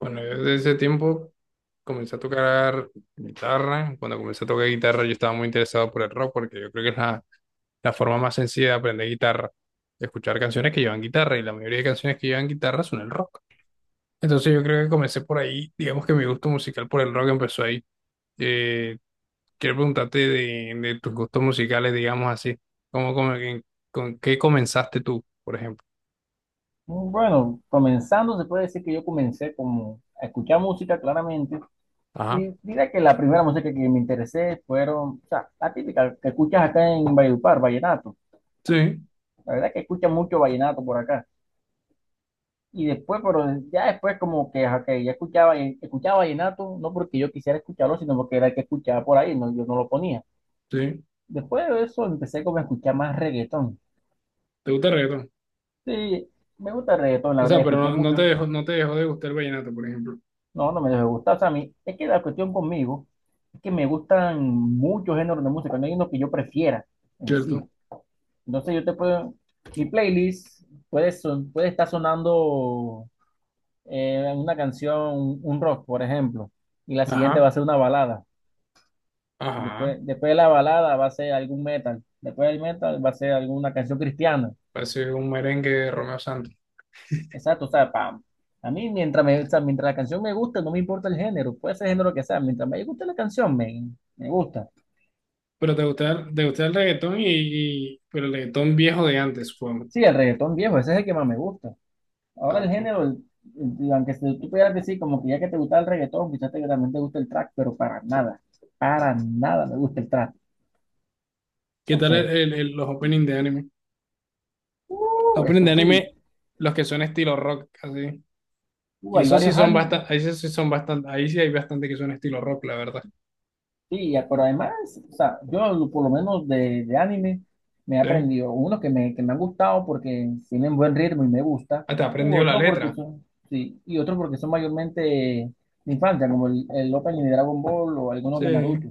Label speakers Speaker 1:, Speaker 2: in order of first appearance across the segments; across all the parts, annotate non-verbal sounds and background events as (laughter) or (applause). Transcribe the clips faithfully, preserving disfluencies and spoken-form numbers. Speaker 1: Bueno, yo desde ese tiempo comencé a tocar guitarra. Cuando comencé a tocar guitarra, yo estaba muy interesado por el rock porque yo creo que es la, la forma más sencilla de aprender guitarra, de escuchar canciones que llevan guitarra y la mayoría de canciones que llevan guitarra son el rock. Entonces yo creo que comencé por ahí, digamos que mi gusto musical por el rock empezó ahí. Eh, Quiero preguntarte de, de tus gustos musicales, digamos así, ¿cómo, cómo- en- con qué comenzaste tú, por ejemplo?
Speaker 2: Bueno, comenzando, se puede decir que yo comencé como a escuchar música claramente
Speaker 1: Ajá.
Speaker 2: y diré que la primera música que me interesé fueron, o sea, la típica que escuchas acá en Valledupar, vallenato.
Speaker 1: Sí,
Speaker 2: La verdad que escucha mucho vallenato por acá. Y después, pero ya después como que, ok, ya escuchaba, escuchaba vallenato, no porque yo quisiera escucharlo, sino porque era el que escuchaba por ahí, no, yo no lo ponía.
Speaker 1: sí.
Speaker 2: Después de eso empecé como a escuchar más reggaetón.
Speaker 1: ¿Te gusta el reggaetón?
Speaker 2: Sí, me gusta el reggaetón, la
Speaker 1: O
Speaker 2: verdad,
Speaker 1: sea, pero
Speaker 2: escuché
Speaker 1: no, no te
Speaker 2: mucho.
Speaker 1: dejó, no te dejó de gustar el vallenato, por ejemplo.
Speaker 2: No, no me debe gustar. O sea, a mí, es que la cuestión conmigo es que me gustan muchos géneros de música, no hay uno que yo prefiera en sí.
Speaker 1: ¿Cierto?
Speaker 2: Entonces yo te puedo, mi playlist puede, son- puede estar sonando eh, una canción, un rock, por ejemplo, y la siguiente va
Speaker 1: Ajá,
Speaker 2: a ser una balada.
Speaker 1: ajá.
Speaker 2: Después, después de la balada va a ser algún metal. Después del metal va a ser alguna canción cristiana.
Speaker 1: Parece un merengue de Romeo Santos.
Speaker 2: Exacto, o sea, pa- a mí mientras, me, o sea, mientras la canción me gusta, no me importa el género, puede ser el género que sea, mientras me guste la canción, me, me gusta.
Speaker 1: Pero te gusta, el- te gusta el reggaetón y, y- pero el reggaetón viejo de antes, supongo.
Speaker 2: Sí, el reggaetón viejo, ese es el que más me gusta. Ahora
Speaker 1: Ah,
Speaker 2: el
Speaker 1: pues.
Speaker 2: género, el- el- aunque se- tú pudieras decir como que ya que te gusta el reggaetón, quizás te, también te gusta el trap, pero para nada, para nada me gusta el trap.
Speaker 1: ¿Qué
Speaker 2: No
Speaker 1: tal
Speaker 2: sé.
Speaker 1: el, el- el- los openings de anime? Los
Speaker 2: Uh,
Speaker 1: openings
Speaker 2: eso
Speaker 1: de anime,
Speaker 2: sí,
Speaker 1: los que son estilo rock, así.
Speaker 2: uh,
Speaker 1: Y
Speaker 2: hay
Speaker 1: esos sí
Speaker 2: varios
Speaker 1: son
Speaker 2: animes,
Speaker 1: bastante, ahí sí sí son bastante, ahí sí hay bastante que son estilo rock, la verdad.
Speaker 2: sí, ya, pero además, o sea, yo por lo menos de, de anime me he
Speaker 1: ¿Sí?
Speaker 2: aprendido unos que me, que me han gustado porque tienen buen ritmo y me gusta,
Speaker 1: Hasta
Speaker 2: u
Speaker 1: aprendió la
Speaker 2: otro porque
Speaker 1: letra.
Speaker 2: son, sí, y otro porque son mayormente de infancia, como el, el opening de Dragon Ball o algunos
Speaker 1: Sí.
Speaker 2: de Naruto.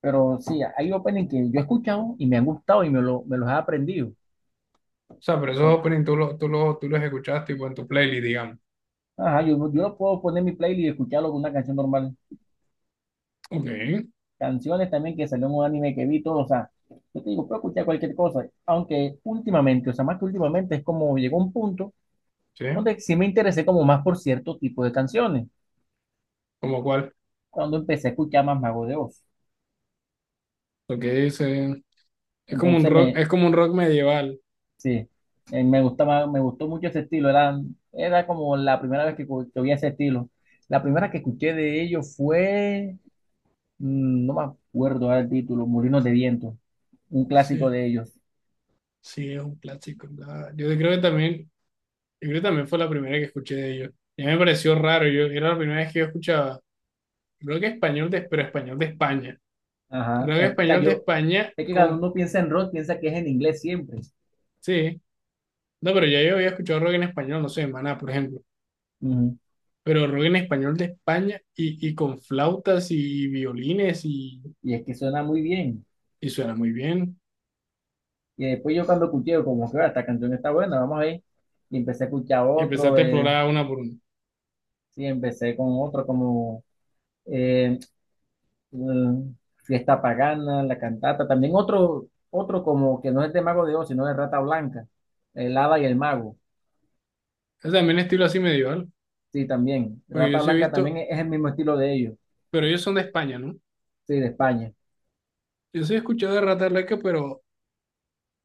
Speaker 2: Pero sí, hay openings que yo he escuchado y me han gustado y me, lo- me los he aprendido.
Speaker 1: O sea, pero esos
Speaker 2: Porque,
Speaker 1: openings tú, lo- tú, lo- tú los escuchaste tipo en tu playlist, digamos.
Speaker 2: ajá, yo, no- yo no puedo poner mi playlist y escucharlo con una canción normal.
Speaker 1: Ok,
Speaker 2: Canciones también que salió en un anime que vi, todo, o sea, yo te digo, puedo escuchar cualquier cosa. Aunque últimamente, o sea, más que últimamente, es como llegó un punto
Speaker 1: sí.
Speaker 2: donde sí me interesé como más por cierto tipo de canciones.
Speaker 1: ¿Como cuál?
Speaker 2: Cuando empecé a escuchar más Mago de Oz.
Speaker 1: Lo que dice, es como un
Speaker 2: Entonces
Speaker 1: rock,
Speaker 2: me,
Speaker 1: es como un rock medieval.
Speaker 2: sí, eh, me gustaba, me gustó mucho ese estilo. Era, era como la primera vez que, cu- que oía ese estilo. La primera que escuché de ellos fue, mm, no me acuerdo ahora el título, Molinos de Viento, un clásico
Speaker 1: Sí,
Speaker 2: de ellos.
Speaker 1: sí, es un clásico. la- Yo creo que también, yo creo que también fue la primera que escuché de ellos. Ya me pareció raro, yo era la primera vez que yo escuchaba, creo que español de, pero español de España.
Speaker 2: Ajá.
Speaker 1: Creo que
Speaker 2: Eh, o sea,
Speaker 1: español de
Speaker 2: yo,
Speaker 1: España
Speaker 2: es que cuando
Speaker 1: con,
Speaker 2: uno piensa en rock, piensa que es en inglés siempre.
Speaker 1: sí, no, pero ya yo había escuchado rock en español, no sé, Maná, por ejemplo.
Speaker 2: Ujú.
Speaker 1: Pero rock en español de España y, y con flautas y violines y,
Speaker 2: Y es que suena muy bien.
Speaker 1: y suena muy bien.
Speaker 2: Y después yo cuando escuché, como que "Ah, esta canción está buena, vamos a ver". Y empecé a escuchar
Speaker 1: Y
Speaker 2: otro,
Speaker 1: empezaste a
Speaker 2: eh,
Speaker 1: explorar una por una.
Speaker 2: sí, empecé con otro como eh, mm, Fiesta Pagana, La Cantata, también otro, otro como que no es de Mago de Oz, sino de Rata Blanca, El Hada y el Mago,
Speaker 1: Es también estilo así medieval.
Speaker 2: sí, también.
Speaker 1: Porque yo
Speaker 2: Rata
Speaker 1: sí he
Speaker 2: Blanca también
Speaker 1: visto,
Speaker 2: es, es el mismo estilo de ellos,
Speaker 1: pero ellos son de España, ¿no?
Speaker 2: sí, de España.
Speaker 1: Yo sí he escuchado de Rata Blanca pero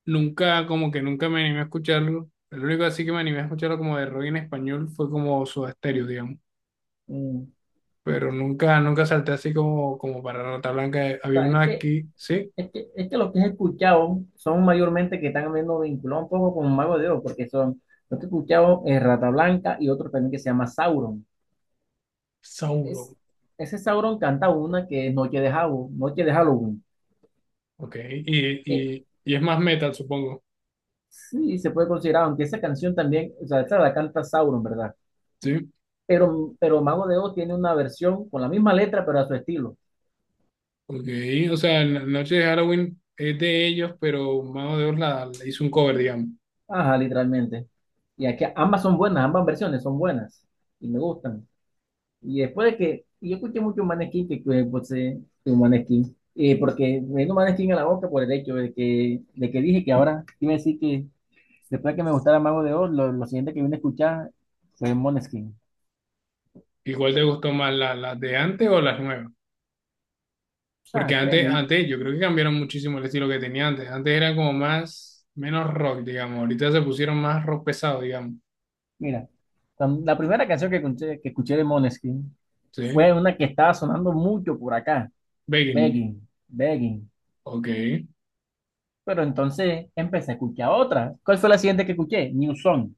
Speaker 1: nunca, como que nunca me animé a escucharlo. El único así que me animé a escucharlo como de rock en español fue como su estéreo, digamos.
Speaker 2: Mm, o
Speaker 1: Pero nunca, nunca salté así como, como para Rata Blanca. Había
Speaker 2: sea,
Speaker 1: una
Speaker 2: es que,
Speaker 1: aquí, ¿sí?
Speaker 2: es que, es que lo que he escuchado son mayormente que están viendo vinculado un poco con Mago de Oz, porque son, lo que he escuchado es Rata Blanca y otro también que se llama Sauron.
Speaker 1: Sauro,
Speaker 2: Es, ese Sauron canta una que es Noche de Halloween, Noche de Halloween.
Speaker 1: ok.
Speaker 2: Eh,
Speaker 1: Y, y, y es más metal, supongo,
Speaker 2: Sí, se puede considerar, aunque esa canción también, o sea, esa la canta Sauron, ¿verdad?
Speaker 1: ¿sí?
Speaker 2: Pero, pero Mago de Oz tiene una versión con la misma letra, pero a su estilo.
Speaker 1: Ok, o sea, la noche de Halloween es de ellos, pero Mago de Dios la, la hizo un cover, digamos.
Speaker 2: Ajá, literalmente. Y aquí ambas son buenas, ambas versiones son buenas y me gustan. Y después de que, y yo escuché mucho Maneskin, que que, pues, eh, que Maneskin, eh, porque me vino Maneskin a la boca por el hecho de que, de que dije que ahora iba a decir que después de que me gustara Mago de Oz, lo, lo siguiente que vine a escuchar fue Maneskin.
Speaker 1: ¿Y cuál te gustó más, la- las de antes o las nuevas?
Speaker 2: O
Speaker 1: Porque
Speaker 2: sea,
Speaker 1: antes,
Speaker 2: créeme,
Speaker 1: antes yo creo que cambiaron muchísimo el estilo que tenía antes. Antes era como más, menos rock, digamos. Ahorita se pusieron más rock pesado, digamos.
Speaker 2: mira, cuando- la primera canción que escuché, que escuché de Måneskin
Speaker 1: ¿Sí?
Speaker 2: fue una que estaba sonando mucho por acá,
Speaker 1: Begging.
Speaker 2: Begging, Begging.
Speaker 1: Ok.
Speaker 2: Pero entonces empecé a escuchar otra. ¿Cuál fue la siguiente que escuché? New Song,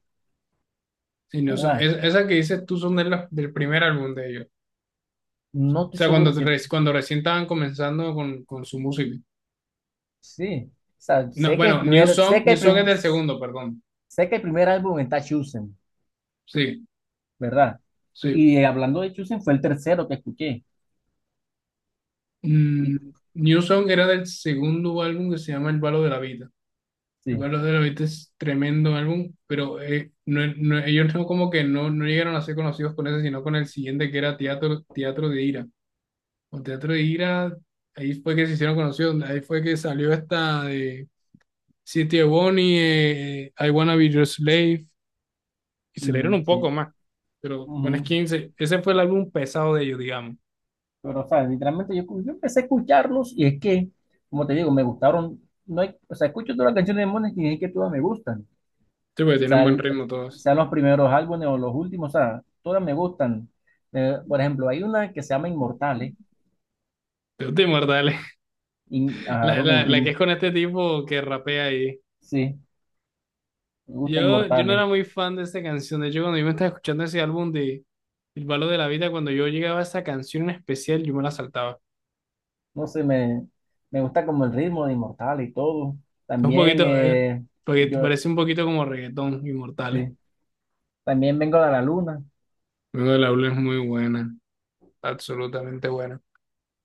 Speaker 1: Sí, no, eso-
Speaker 2: ¿verdad?
Speaker 1: es- esa que dices tú son de la- del primer álbum de ellos. O
Speaker 2: No estoy
Speaker 1: sea,
Speaker 2: seguro
Speaker 1: cuando, te
Speaker 2: si...
Speaker 1: re- cuando recién estaban comenzando con, con su música.
Speaker 2: Sí, o sea,
Speaker 1: No,
Speaker 2: sé que el
Speaker 1: bueno, New
Speaker 2: primer, sé
Speaker 1: Song,
Speaker 2: que
Speaker 1: New
Speaker 2: el
Speaker 1: Song es
Speaker 2: prim-
Speaker 1: del segundo, perdón.
Speaker 2: sé que el primer álbum está Chosen,
Speaker 1: Sí,
Speaker 2: ¿verdad?
Speaker 1: sí.
Speaker 2: Y hablando de Chosen fue el tercero que escuché. Y,
Speaker 1: Mm, New Song era del segundo álbum que se llama El Balo de la Vida. El
Speaker 2: sí,
Speaker 1: Valor de los Beatles es tremendo álbum, pero eh, no, no- ellos no como que no, no llegaron a ser conocidos con ese, sino con el siguiente que era Teatro, Teatro de Ira. O Teatro de Ira, ahí fue que se hicieron conocidos, ahí fue que salió esta de City of Bonnie, eh, I Wanna Be Your Slave, y se dieron
Speaker 2: y,
Speaker 1: un poco
Speaker 2: sí.
Speaker 1: más, pero con
Speaker 2: Ujú.
Speaker 1: Skins, eh, ese fue el álbum pesado de ellos, digamos.
Speaker 2: Pero, o sea, literalmente yo, yo empecé a escucharlos y es que, como te digo, me gustaron. No hay, o sea, escucho todas las canciones de Mones y es que todas me gustan. O
Speaker 1: Sí, porque tienen
Speaker 2: sea,
Speaker 1: buen
Speaker 2: el-
Speaker 1: ritmo todos.
Speaker 2: sean los primeros álbumes o los últimos, o sea, todas me gustan. Eh, por ejemplo, hay una que se llama Inmortales.
Speaker 1: Te muerta, dale. (laughs)
Speaker 2: y ah,
Speaker 1: La,
Speaker 2: me
Speaker 1: la,
Speaker 2: gusta,
Speaker 1: la que es
Speaker 2: In-
Speaker 1: con este tipo que rapea ahí.
Speaker 2: sí, me gusta
Speaker 1: Yo, yo no era
Speaker 2: Inmortales.
Speaker 1: muy fan de esta canción. De hecho, cuando yo me estaba escuchando ese álbum de El valor de la vida, cuando yo llegaba a esa canción en especial, yo me la saltaba.
Speaker 2: No sé, me, me gusta como el ritmo de Inmortales y todo.
Speaker 1: Es un
Speaker 2: También,
Speaker 1: poquito, eh,
Speaker 2: eh,
Speaker 1: porque
Speaker 2: yo,
Speaker 1: parece un poquito como reggaetón, Inmortales.
Speaker 2: sí, también vengo de la luna.
Speaker 1: Luego del álbum es muy buena, absolutamente buena.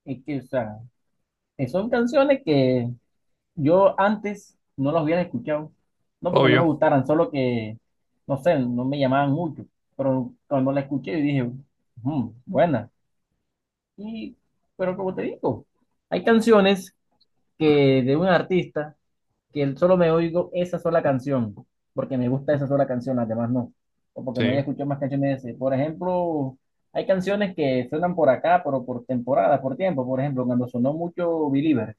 Speaker 2: Y que, o sea, que son canciones que yo antes no los hubiera escuchado, no porque no me
Speaker 1: Obvio.
Speaker 2: gustaran, solo que, no sé, no me llamaban mucho, pero cuando la escuché dije, "Ujú, buena". Y, pero como te digo, hay canciones que de un artista que él solo me oigo esa sola canción, porque me gusta esa sola canción, las demás no, o porque no haya
Speaker 1: Sí.
Speaker 2: escuchado más canciones de ese. Por ejemplo, hay canciones que suenan por acá, pero por temporada, por tiempo, por ejemplo, cuando sonó mucho Believer.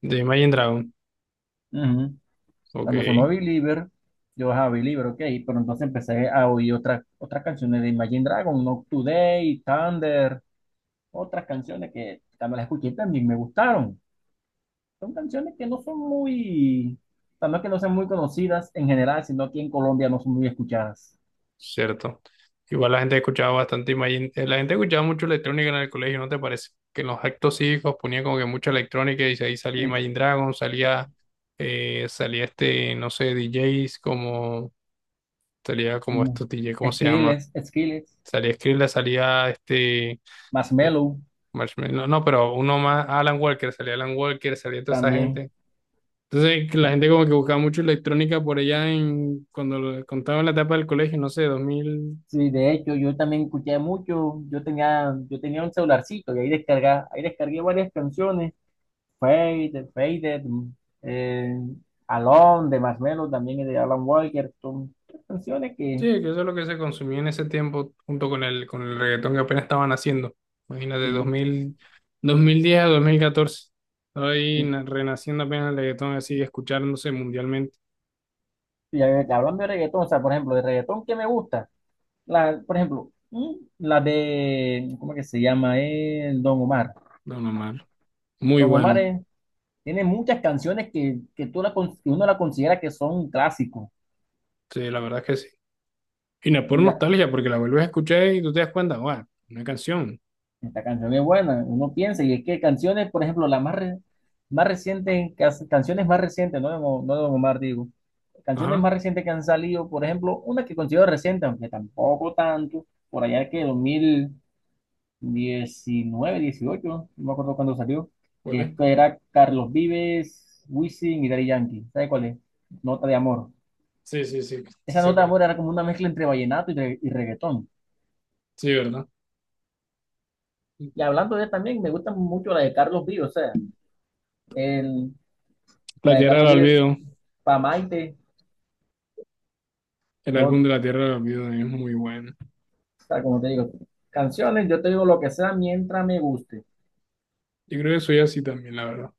Speaker 1: De Imagine Dragon.
Speaker 2: Ujú. Cuando sonó
Speaker 1: Ok.
Speaker 2: Believer, yo, ah, Believer, ok, pero entonces empecé a oír otras otras canciones de Imagine Dragon, Not Today, Thunder, otras canciones que cuando las escuché también me gustaron. Son canciones que no son muy, o sea, no es que no sean muy conocidas en general, sino aquí en Colombia no son muy escuchadas.
Speaker 1: Cierto. Igual la gente escuchaba bastante, imagín- eh, la gente escuchaba mucho electrónica en el colegio, ¿no te parece? Que en los actos cívicos ponía como que mucha electrónica y ahí salía
Speaker 2: Sí,
Speaker 1: Imagine Dragon, salía, eh, salía este, no sé, D Js como, salía como
Speaker 2: como
Speaker 1: estos D J, ¿cómo se llama?
Speaker 2: Skrillex, Skrillex,
Speaker 1: Salía Skrillex, salía este, eh,
Speaker 2: Marshmello
Speaker 1: Marshmello, no, no, pero uno más, Alan Walker, salía Alan Walker, salía toda esa
Speaker 2: también.
Speaker 1: gente. Entonces que
Speaker 2: O
Speaker 1: la
Speaker 2: sea,
Speaker 1: gente como que buscaba mucho electrónica por allá en, cuando lo- cuando estaba en la etapa del colegio, no sé,
Speaker 2: Sí, de hecho, yo también escuché mucho, yo tenía, yo tenía un celularcito y ahí descarga, ahí descargué varias canciones, Faded, Faded, mm, eh, Alone de Marshmello, también es de Alan Walker, son canciones
Speaker 1: sí,
Speaker 2: que,
Speaker 1: que eso es lo que se consumía en ese tiempo junto con el, con el reggaetón que apenas estaban haciendo. Imagínate,
Speaker 2: sí,
Speaker 1: dos mil, dos mil diez a dos mil catorce. Ahí
Speaker 2: sí.
Speaker 1: na- renaciendo apenas el reggaetón así, escuchándose mundialmente.
Speaker 2: Y eh, hablando de reggaetón, o sea, por ejemplo, de reggaetón que me gusta, la, por ejemplo, mm, la de, ¿cómo que se llama? El Don Omar.
Speaker 1: No, no, mal. Muy
Speaker 2: Don Omar
Speaker 1: bueno.
Speaker 2: es- Tiene muchas canciones que, que tú la, con- que uno la considera que son clásicos.
Speaker 1: Sí, la verdad es que sí. Y no es por nostalgia, porque la vuelves a escuchar y tú te das cuenta, guau, una canción.
Speaker 2: Esta canción es buena, uno piensa, y es que canciones, por ejemplo, las más, re- más recientes, cas- canciones más recientes, no de, Don- no de Don Omar, digo, canciones
Speaker 1: Ajá,
Speaker 2: más recientes que han salido, por ejemplo, una que considero reciente, aunque tampoco tanto, por allá que dos mil diecinueve dieciocho no me acuerdo cuándo salió,
Speaker 1: ¿cuál
Speaker 2: que
Speaker 1: es?
Speaker 2: es que era Carlos Vives, Wisin y Daddy Yankee, ¿sabe cuál es? Nota de amor.
Speaker 1: Sí, sí, sí,
Speaker 2: Esa nota de
Speaker 1: seguro.
Speaker 2: amor era como una mezcla entre vallenato y, re- y reggaetón.
Speaker 1: Sí, ¿verdad?
Speaker 2: Y hablando de él también, me gusta mucho la de Carlos Vives, o sea, el la
Speaker 1: La
Speaker 2: de
Speaker 1: Tierra del
Speaker 2: Carlos Vives,
Speaker 1: Olvido,
Speaker 2: para Maite,
Speaker 1: el
Speaker 2: no,
Speaker 1: álbum de
Speaker 2: o
Speaker 1: La Tierra del Olvido es muy bueno.
Speaker 2: sea, como te digo, canciones, yo te digo lo que sea mientras me guste.
Speaker 1: Yo creo que soy así también, la verdad.